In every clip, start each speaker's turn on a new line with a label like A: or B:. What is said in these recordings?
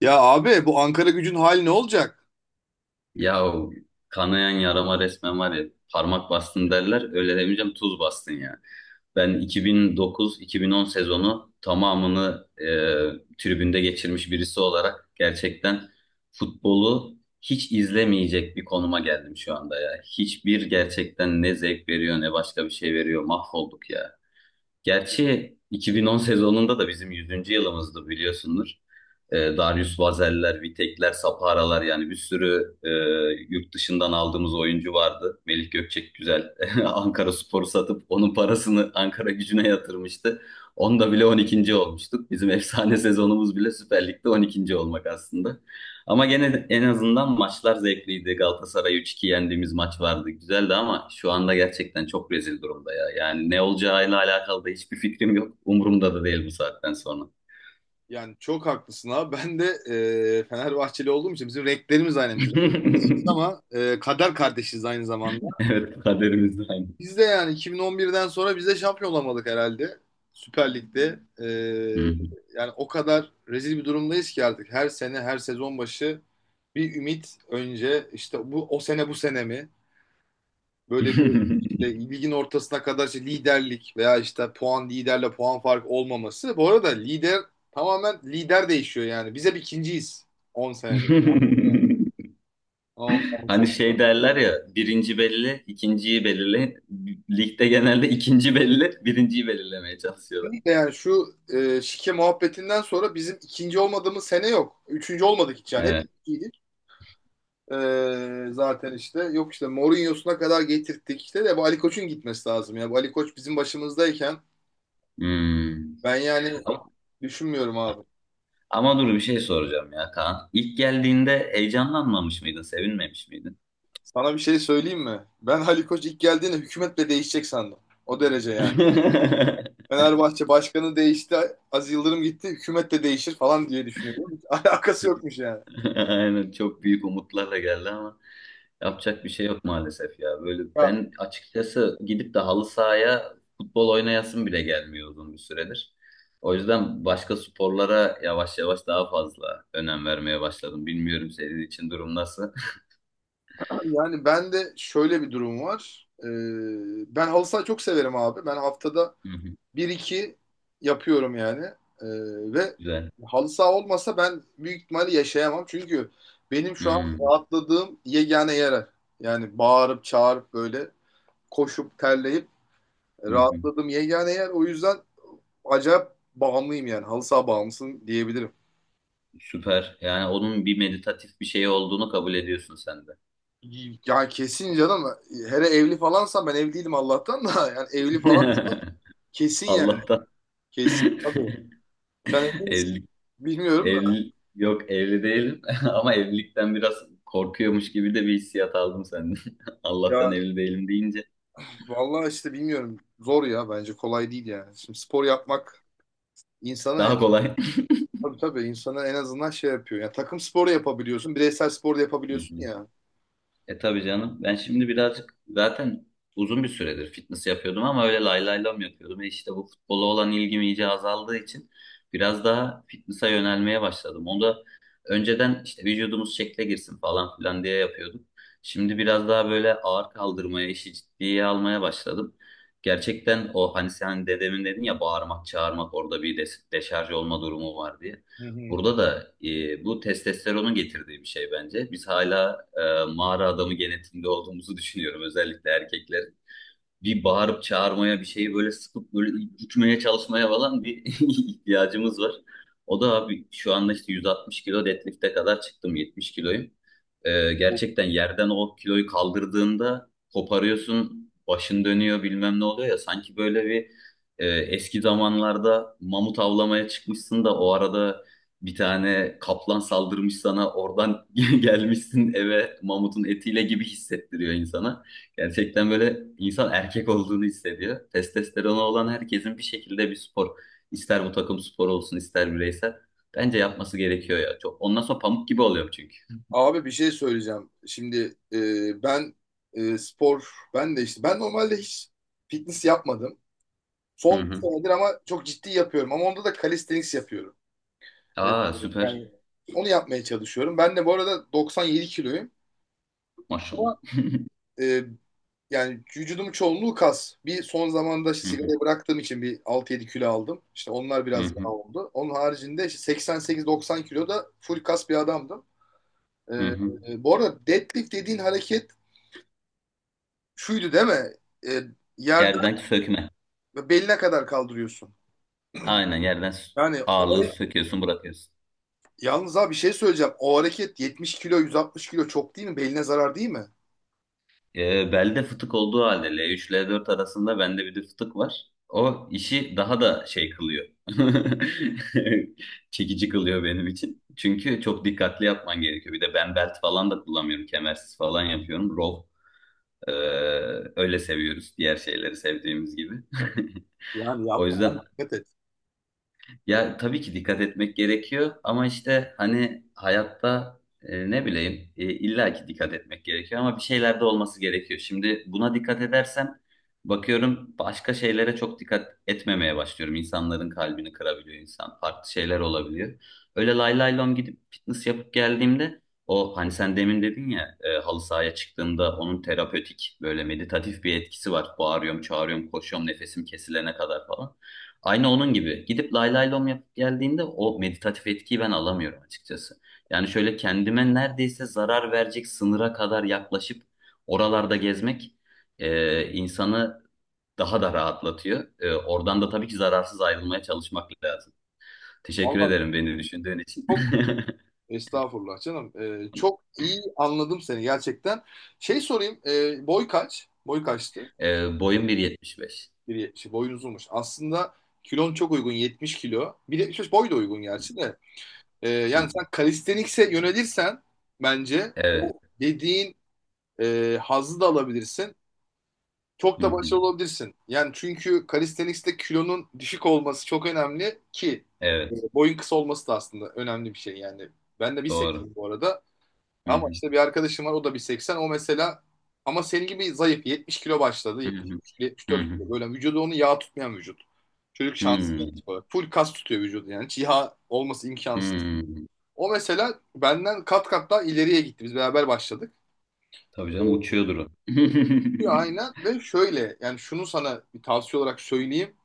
A: Ya abi bu Ankara gücün hali ne olacak?
B: Ya, o kanayan yarama resmen var ya, parmak bastın derler, öyle demeyeceğim, tuz bastın ya. Ben 2009-2010 sezonu tamamını tribünde geçirmiş birisi olarak gerçekten futbolu hiç izlemeyecek bir konuma geldim şu anda ya. Hiçbir, gerçekten ne zevk veriyor ne başka bir şey veriyor, mahvolduk ya. Gerçi 2010 sezonunda da bizim 100'üncü yılımızdı, biliyorsundur. Darius Vazel'ler, Vitek'ler, Sapara'lar, yani bir sürü yurt dışından aldığımız oyuncu vardı. Melih Gökçek güzel Ankara Spor'u satıp onun parasını Ankara Gücü'ne yatırmıştı. Onda bile 12'nci olmuştuk. Bizim efsane sezonumuz bile Süper Lig'de 12'nci olmak aslında. Ama gene en azından maçlar zevkliydi. Galatasaray 3-2 yendiğimiz maç vardı. Güzeldi ama şu anda gerçekten çok rezil durumda ya. Yani ne olacağıyla alakalı da hiçbir fikrim yok. Umurumda da değil bu saatten sonra.
A: Yani çok haklısın abi. Ben de Fenerbahçeli olduğum için bizim renklerimiz aynı bizim. Ama kader kardeşiz aynı zamanda.
B: Evet, kaderimiz de aynı.
A: Biz de yani 2011'den sonra biz de şampiyon olamadık herhalde. Süper Lig'de.
B: Hı
A: Yani o kadar rezil bir durumdayız ki artık. Her sene, her sezon başı bir ümit önce işte bu o sene bu sene mi? Böyle bir
B: hı.
A: işte ligin ortasına kadar işte liderlik veya işte puan liderle puan farkı olmaması. Bu arada lider tamamen lider değişiyor yani. Biz hep ikinciyiz 10 senedir. Yani ondan
B: Hani
A: sonra.
B: şey derler ya, birinci belli, ikinciyi belirle. Ligde genelde ikinci belli, birinciyi belirlemeye çalışıyorlar.
A: Şimdi yani şu şike muhabbetinden sonra bizim ikinci olmadığımız sene yok. Üçüncü olmadık hiç yani. Hep
B: Evet.
A: ikinciydik. E, zaten işte yok işte Mourinho'suna kadar getirttik işte de bu Ali Koç'un gitmesi lazım ya. Bu Ali Koç bizim başımızdayken
B: Hmm.
A: ben yani düşünmüyorum abi.
B: Ama dur bir şey soracağım ya Kaan. İlk geldiğinde heyecanlanmamış mıydın, sevinmemiş miydin?
A: Sana bir şey söyleyeyim mi? Ben Ali Koç ilk geldiğinde hükümet de değişecek sandım. O derece yani. Fenerbahçe başkanı değişti, Aziz Yıldırım gitti, hükümet de değişir falan diye düşünüyorum. Hiç alakası yokmuş yani.
B: Aynen, çok büyük umutlarla geldi ama yapacak bir şey yok maalesef ya. Böyle
A: Ya,
B: ben açıkçası gidip de halı sahaya futbol oynayasım bile gelmiyor uzun bir süredir. O yüzden başka sporlara yavaş yavaş daha fazla önem vermeye başladım. Bilmiyorum senin için durum nasıl?
A: yani ben de şöyle bir durum var. Ben halı saha çok severim abi. Ben haftada
B: Hı hı,
A: bir iki yapıyorum yani. Ee, ve
B: güzel.
A: halı saha olmasa ben büyük ihtimalle yaşayamam. Çünkü benim şu an
B: Hı
A: rahatladığım yegane yer. Yani bağırıp çağırıp böyle koşup terleyip
B: hı hı.
A: rahatladım. Yani eğer o yüzden acayip bağımlıyım yani. Halı saha bağımlısın diyebilirim.
B: Süper. Yani onun bir meditatif bir şey olduğunu kabul ediyorsun sen de.
A: Yani kesin canım. Hele evli falansa ben evli değilim Allah'tan da. Yani evli falan kesin yani.
B: Allah'tan
A: Kesin. Tabii. Sen evli misin?
B: evlilik
A: Bilmiyorum da.
B: evli yok evli değilim ama evlilikten biraz korkuyormuş gibi de bir hissiyat aldım senden. Allah'tan
A: Ya
B: evli değilim deyince
A: vallahi işte bilmiyorum. Zor ya bence kolay değil yani. Şimdi spor yapmak insana en,
B: daha kolay.
A: tabii tabii insana en azından şey yapıyor. Yani takım sporu yapabiliyorsun. Bireysel spor da yapabiliyorsun ya.
B: E tabii canım. Ben şimdi birazcık zaten uzun bir süredir fitness yapıyordum ama öyle lay lay lam yapıyordum. E işte bu futbola olan ilgim iyice azaldığı için biraz daha fitness'a yönelmeye başladım. Onu da önceden işte vücudumuz şekle girsin falan filan diye yapıyordum. Şimdi biraz daha böyle ağır kaldırmaya, işi ciddiye almaya başladım. Gerçekten o, hani sen dedemin dedin ya, bağırmak, çağırmak, orada bir de deşarj olma durumu var diye.
A: Hı hı.
B: Burada da bu testosteronun getirdiği bir şey bence. Biz hala mağara adamı genetiğinde olduğumuzu düşünüyorum. Özellikle erkekler bir bağırıp çağırmaya, bir şeyi böyle sıkıp böyle itmeye çalışmaya falan bir ihtiyacımız var. O da abi şu anda işte 160 kilo deadlift'e kadar çıktım, 70 kiloyum. Gerçekten yerden o kiloyu kaldırdığında koparıyorsun, başın dönüyor, bilmem ne oluyor ya. Sanki böyle bir, eski zamanlarda mamut avlamaya çıkmışsın da o arada bir tane kaplan saldırmış sana, oradan gelmişsin eve mamutun etiyle gibi hissettiriyor insana. Gerçekten böyle insan erkek olduğunu hissediyor. Testosteronu olan herkesin bir şekilde bir spor, ister bu takım sporu olsun ister bireysel, bence yapması gerekiyor ya. Çok, ondan sonra pamuk gibi oluyor çünkü.
A: Abi bir şey söyleyeceğim. Şimdi ben spor, ben de işte ben normalde hiç fitness yapmadım.
B: Hı
A: Son bir
B: hı.
A: senedir ama çok ciddi yapıyorum. Ama onda da calisthenics yapıyorum. E,
B: Aa,
A: yani
B: süper.
A: onu yapmaya çalışıyorum. Ben de bu arada 97 kiloyum.
B: Maşallah.
A: Ama e, yani vücudumun çoğunluğu kas. Bir son zamanda işte
B: Hı hı,
A: sigarayı bıraktığım için bir 6 7 kilo aldım. İşte onlar
B: hı
A: biraz yağ
B: hı,
A: oldu. Onun haricinde işte 88-90 kilo da full kas bir adamdım. E,
B: hı hı.
A: bu arada deadlift dediğin hareket şuydu değil mi? E, yerden
B: Yerden sökme.
A: beline kadar kaldırıyorsun.
B: Aynen, yerden
A: Yani o,
B: ağırlığı söküyorsun, bırakıyorsun.
A: yalnız abi bir şey söyleyeceğim. O hareket 70 kilo 160 kilo çok değil mi? Beline zarar değil mi?
B: Belde fıtık olduğu halde, L3 L4 arasında bende bir de fıtık var, o işi daha da şey kılıyor. Çekici kılıyor benim için. Çünkü çok dikkatli yapman gerekiyor. Bir de ben belt falan da kullanmıyorum. Kemersiz falan yapıyorum. Row. Ee, öyle seviyoruz. Diğer şeyleri sevdiğimiz gibi.
A: Yani
B: O
A: yapma
B: yüzden,
A: abi dikkat et.
B: ya tabii ki dikkat etmek gerekiyor ama işte hani hayatta ne bileyim, illa ki dikkat etmek gerekiyor ama bir şeyler de olması gerekiyor. Şimdi buna dikkat edersem bakıyorum başka şeylere çok dikkat etmemeye başlıyorum. İnsanların kalbini kırabiliyor insan. Farklı şeyler olabiliyor. Öyle lay lay lom gidip fitness yapıp geldiğimde, o hani sen demin dedin ya, halı sahaya çıktığımda onun terapötik, böyle meditatif bir etkisi var. Bağırıyorum, çağırıyorum, koşuyorum nefesim kesilene kadar falan. Aynı onun gibi. Gidip lay lay lom yapıp geldiğinde o meditatif etkiyi ben alamıyorum açıkçası. Yani şöyle kendime neredeyse zarar verecek sınıra kadar yaklaşıp oralarda gezmek insanı daha da rahatlatıyor. Oradan da tabii ki zararsız ayrılmaya çalışmak lazım. Teşekkür
A: Vallahi
B: ederim beni düşündüğün için.
A: çok estağfurullah canım. Çok iyi anladım seni gerçekten. Şey sorayım. Boy kaç? Boy kaçtı?
B: Boyum 1.75.
A: 1,70. Boyun uzunmuş. Aslında kilon çok uygun 70 kilo. 1,75 boy da uygun gerçi de. E,
B: Hı
A: yani
B: hı.
A: sen kalistenikse yönelirsen bence
B: Evet.
A: o dediğin hazzı da alabilirsin. Çok
B: Hı
A: da
B: hı.
A: başarılı olabilirsin. Yani çünkü calisthenics'te kilonun düşük olması çok önemli ki
B: Evet.
A: boyun kısa olması da aslında önemli bir şey yani. Ben de
B: Doğru.
A: 1,80 bu arada.
B: Hı
A: Ama
B: hı.
A: işte bir arkadaşım var o da 1,80. O mesela ama senin gibi zayıf. 70 kilo başladı.
B: Hı hı.
A: 73,
B: Hı
A: 74
B: hı.
A: kilo. Böyle vücudu onu yağ tutmayan vücut. Çocuk
B: Hı
A: şanslı
B: hı.
A: yani. Tip olarak. Full kas tutuyor vücudu yani. Hiç yağ olması
B: Hı
A: imkansız.
B: hı.
A: O mesela benden kat kat daha ileriye gitti. Biz beraber başladık.
B: Tabii
A: Ee,
B: canım, uçuyordur o.
A: Aynen ve şöyle yani şunu sana bir tavsiye olarak söyleyeyim.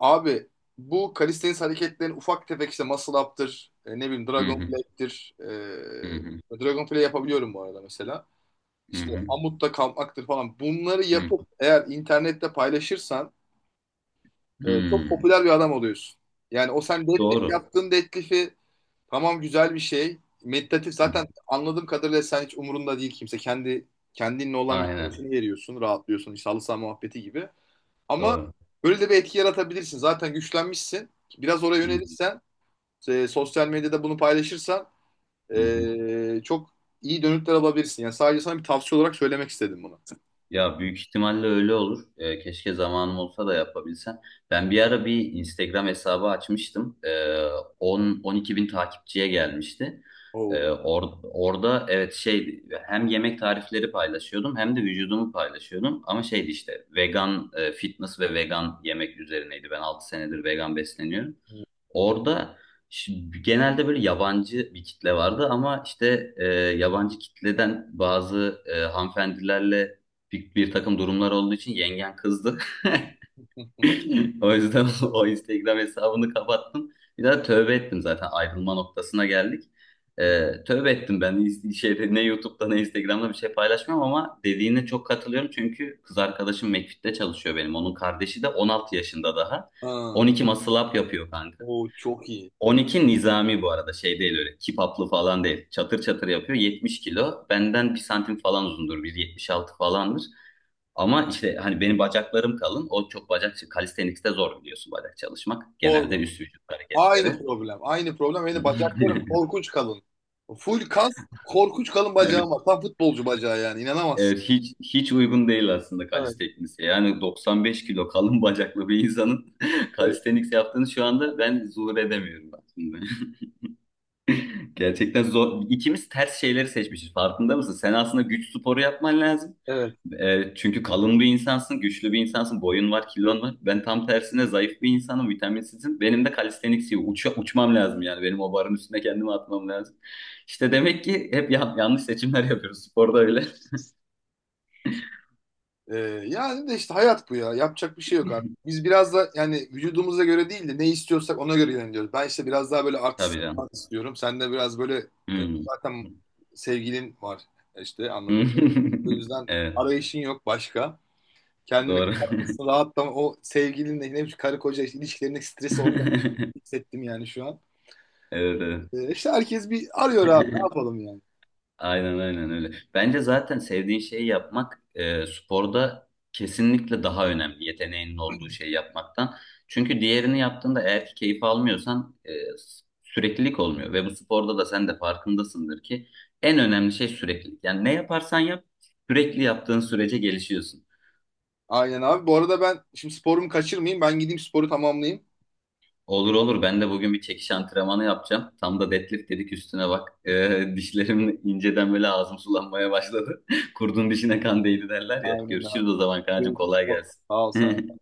A: Abi bu calisthenics hareketlerin ufak tefek işte muscle up'tır, ne bileyim
B: Hı
A: dragon
B: hı,
A: fly'tir.
B: hı hı,
A: Dragon fly yapabiliyorum bu arada mesela.
B: hı
A: İşte
B: hı,
A: amutta kalkmaktır falan. Bunları
B: hı.
A: yapıp eğer internette paylaşırsan çok
B: Hmm,
A: popüler bir adam oluyorsun. Yani o sen deadlift
B: doğru.
A: yaptığın deadlift'i tamam güzel bir şey. Meditatif
B: Hı,
A: zaten anladığım kadarıyla sen hiç umurunda değil kimse. Kendi kendinle olan bir
B: aynen,
A: tarafını veriyorsun, rahatlıyorsun. İşte halı saha muhabbeti gibi. Ama
B: doğru.
A: böyle de bir etki yaratabilirsin. Zaten güçlenmişsin. Biraz oraya
B: Hı hı,
A: yönelirsen, sosyal medyada bunu paylaşırsan
B: hı hı.
A: çok iyi dönütler alabilirsin. Yani sadece sana bir tavsiye olarak söylemek istedim bunu.
B: Ya, büyük ihtimalle öyle olur. Keşke zamanım olsa da yapabilsem. Ben bir ara bir Instagram hesabı açmıştım. 10 12 bin takipçiye gelmişti.
A: Oo.
B: Orada, evet, şey, hem yemek tarifleri paylaşıyordum hem de vücudumu paylaşıyordum. Ama şeydi işte, vegan, fitness ve vegan yemek üzerineydi. Ben 6 senedir vegan besleniyorum. Orada genelde böyle yabancı bir kitle vardı ama işte yabancı kitleden bazı hanımefendilerle bir takım durumlar olduğu için yengen kızdı. O yüzden o Instagram hesabını kapattım. Bir daha tövbe ettim, zaten ayrılma noktasına geldik. E, tövbe ettim ben. Şeyde, ne YouTube'da ne Instagram'da bir şey paylaşmıyorum ama dediğine çok katılıyorum çünkü kız arkadaşım McFit'te çalışıyor benim. Onun kardeşi de 16 yaşında daha.
A: Ha,
B: 12 muscle up yapıyor kanka.
A: o çok iyi.
B: 12 nizami bu arada, şey değil, öyle kipaplı falan değil. Çatır çatır yapıyor, 70 kilo. Benden 1 santim falan uzundur, 1.76 falandır. Ama işte hani benim bacaklarım kalın. O çok bacak, calisthenics'te zor biliyorsun bacak çalışmak. Genelde
A: Sorma.
B: üst vücut hareketleri.
A: Aynı problem. Aynı problem. Benim bacaklarım korkunç kalın. Full kas, korkunç kalın
B: Evet,
A: bacağım var. Tam futbolcu bacağı yani.
B: evet,
A: İnanamazsın.
B: hiç hiç uygun değil aslında
A: Evet,
B: kalistenikse. Yani 95 kilo kalın bacaklı bir insanın
A: evet.
B: kalisteniks yaptığını şu anda ben zuhur edemiyorum aslında. Gerçekten zor. İkimiz ters şeyleri seçmişiz. Farkında mısın? Sen aslında güç sporu yapman lazım.
A: Evet.
B: Çünkü kalın bir insansın, güçlü bir insansın, boyun var, kilon var. Ben tam tersine zayıf bir insanım, vitaminsizim. Benim de kalistenik uçmam lazım yani. Benim o barın üstüne kendimi atmam lazım. İşte demek ki hep yanlış seçimler yapıyoruz. Sporda öyle.
A: Ee, yani de işte hayat bu ya. Yapacak bir şey yok artık. Biz biraz da yani vücudumuza göre değil de ne istiyorsak ona göre yöneliyoruz. Ben işte biraz daha böyle artistik
B: Tabii canım.
A: falan istiyorum. Sen de biraz böyle e,
B: Hmm.
A: zaten sevgilin var. E, işte anladım. O yüzden
B: Evet,
A: arayışın yok başka. Kendini
B: doğru.
A: kapatmışsın rahatlama. O sevgilinle ne bileyim karı koca işte ilişkilerindeki stresi orada hissettim yani şu an.
B: Evet, evet.
A: İşte herkes bir arıyor abi ne yapalım yani.
B: Aynen aynen öyle. Bence zaten sevdiğin şeyi yapmak sporda kesinlikle daha önemli yeteneğinin olduğu şeyi yapmaktan. Çünkü diğerini yaptığında, eğer ki keyif almıyorsan, süreklilik olmuyor. Ve bu sporda da sen de farkındasındır ki en önemli şey süreklilik. Yani ne yaparsan yap, sürekli yaptığın sürece gelişiyorsun.
A: Aynen abi. Bu arada ben şimdi sporumu kaçırmayayım. Ben gideyim sporu tamamlayayım.
B: Olur olur. Ben de bugün bir çekiş antrenmanı yapacağım. Tam da deadlift dedik üstüne bak. Dişlerim inceden, böyle ağzım sulanmaya başladı. Kurdun dişine kan değdi derler ya.
A: Aynen abi.
B: Görüşürüz o zaman kancım,
A: Görüşürüz.
B: kolay gelsin.
A: Sağ ol sen.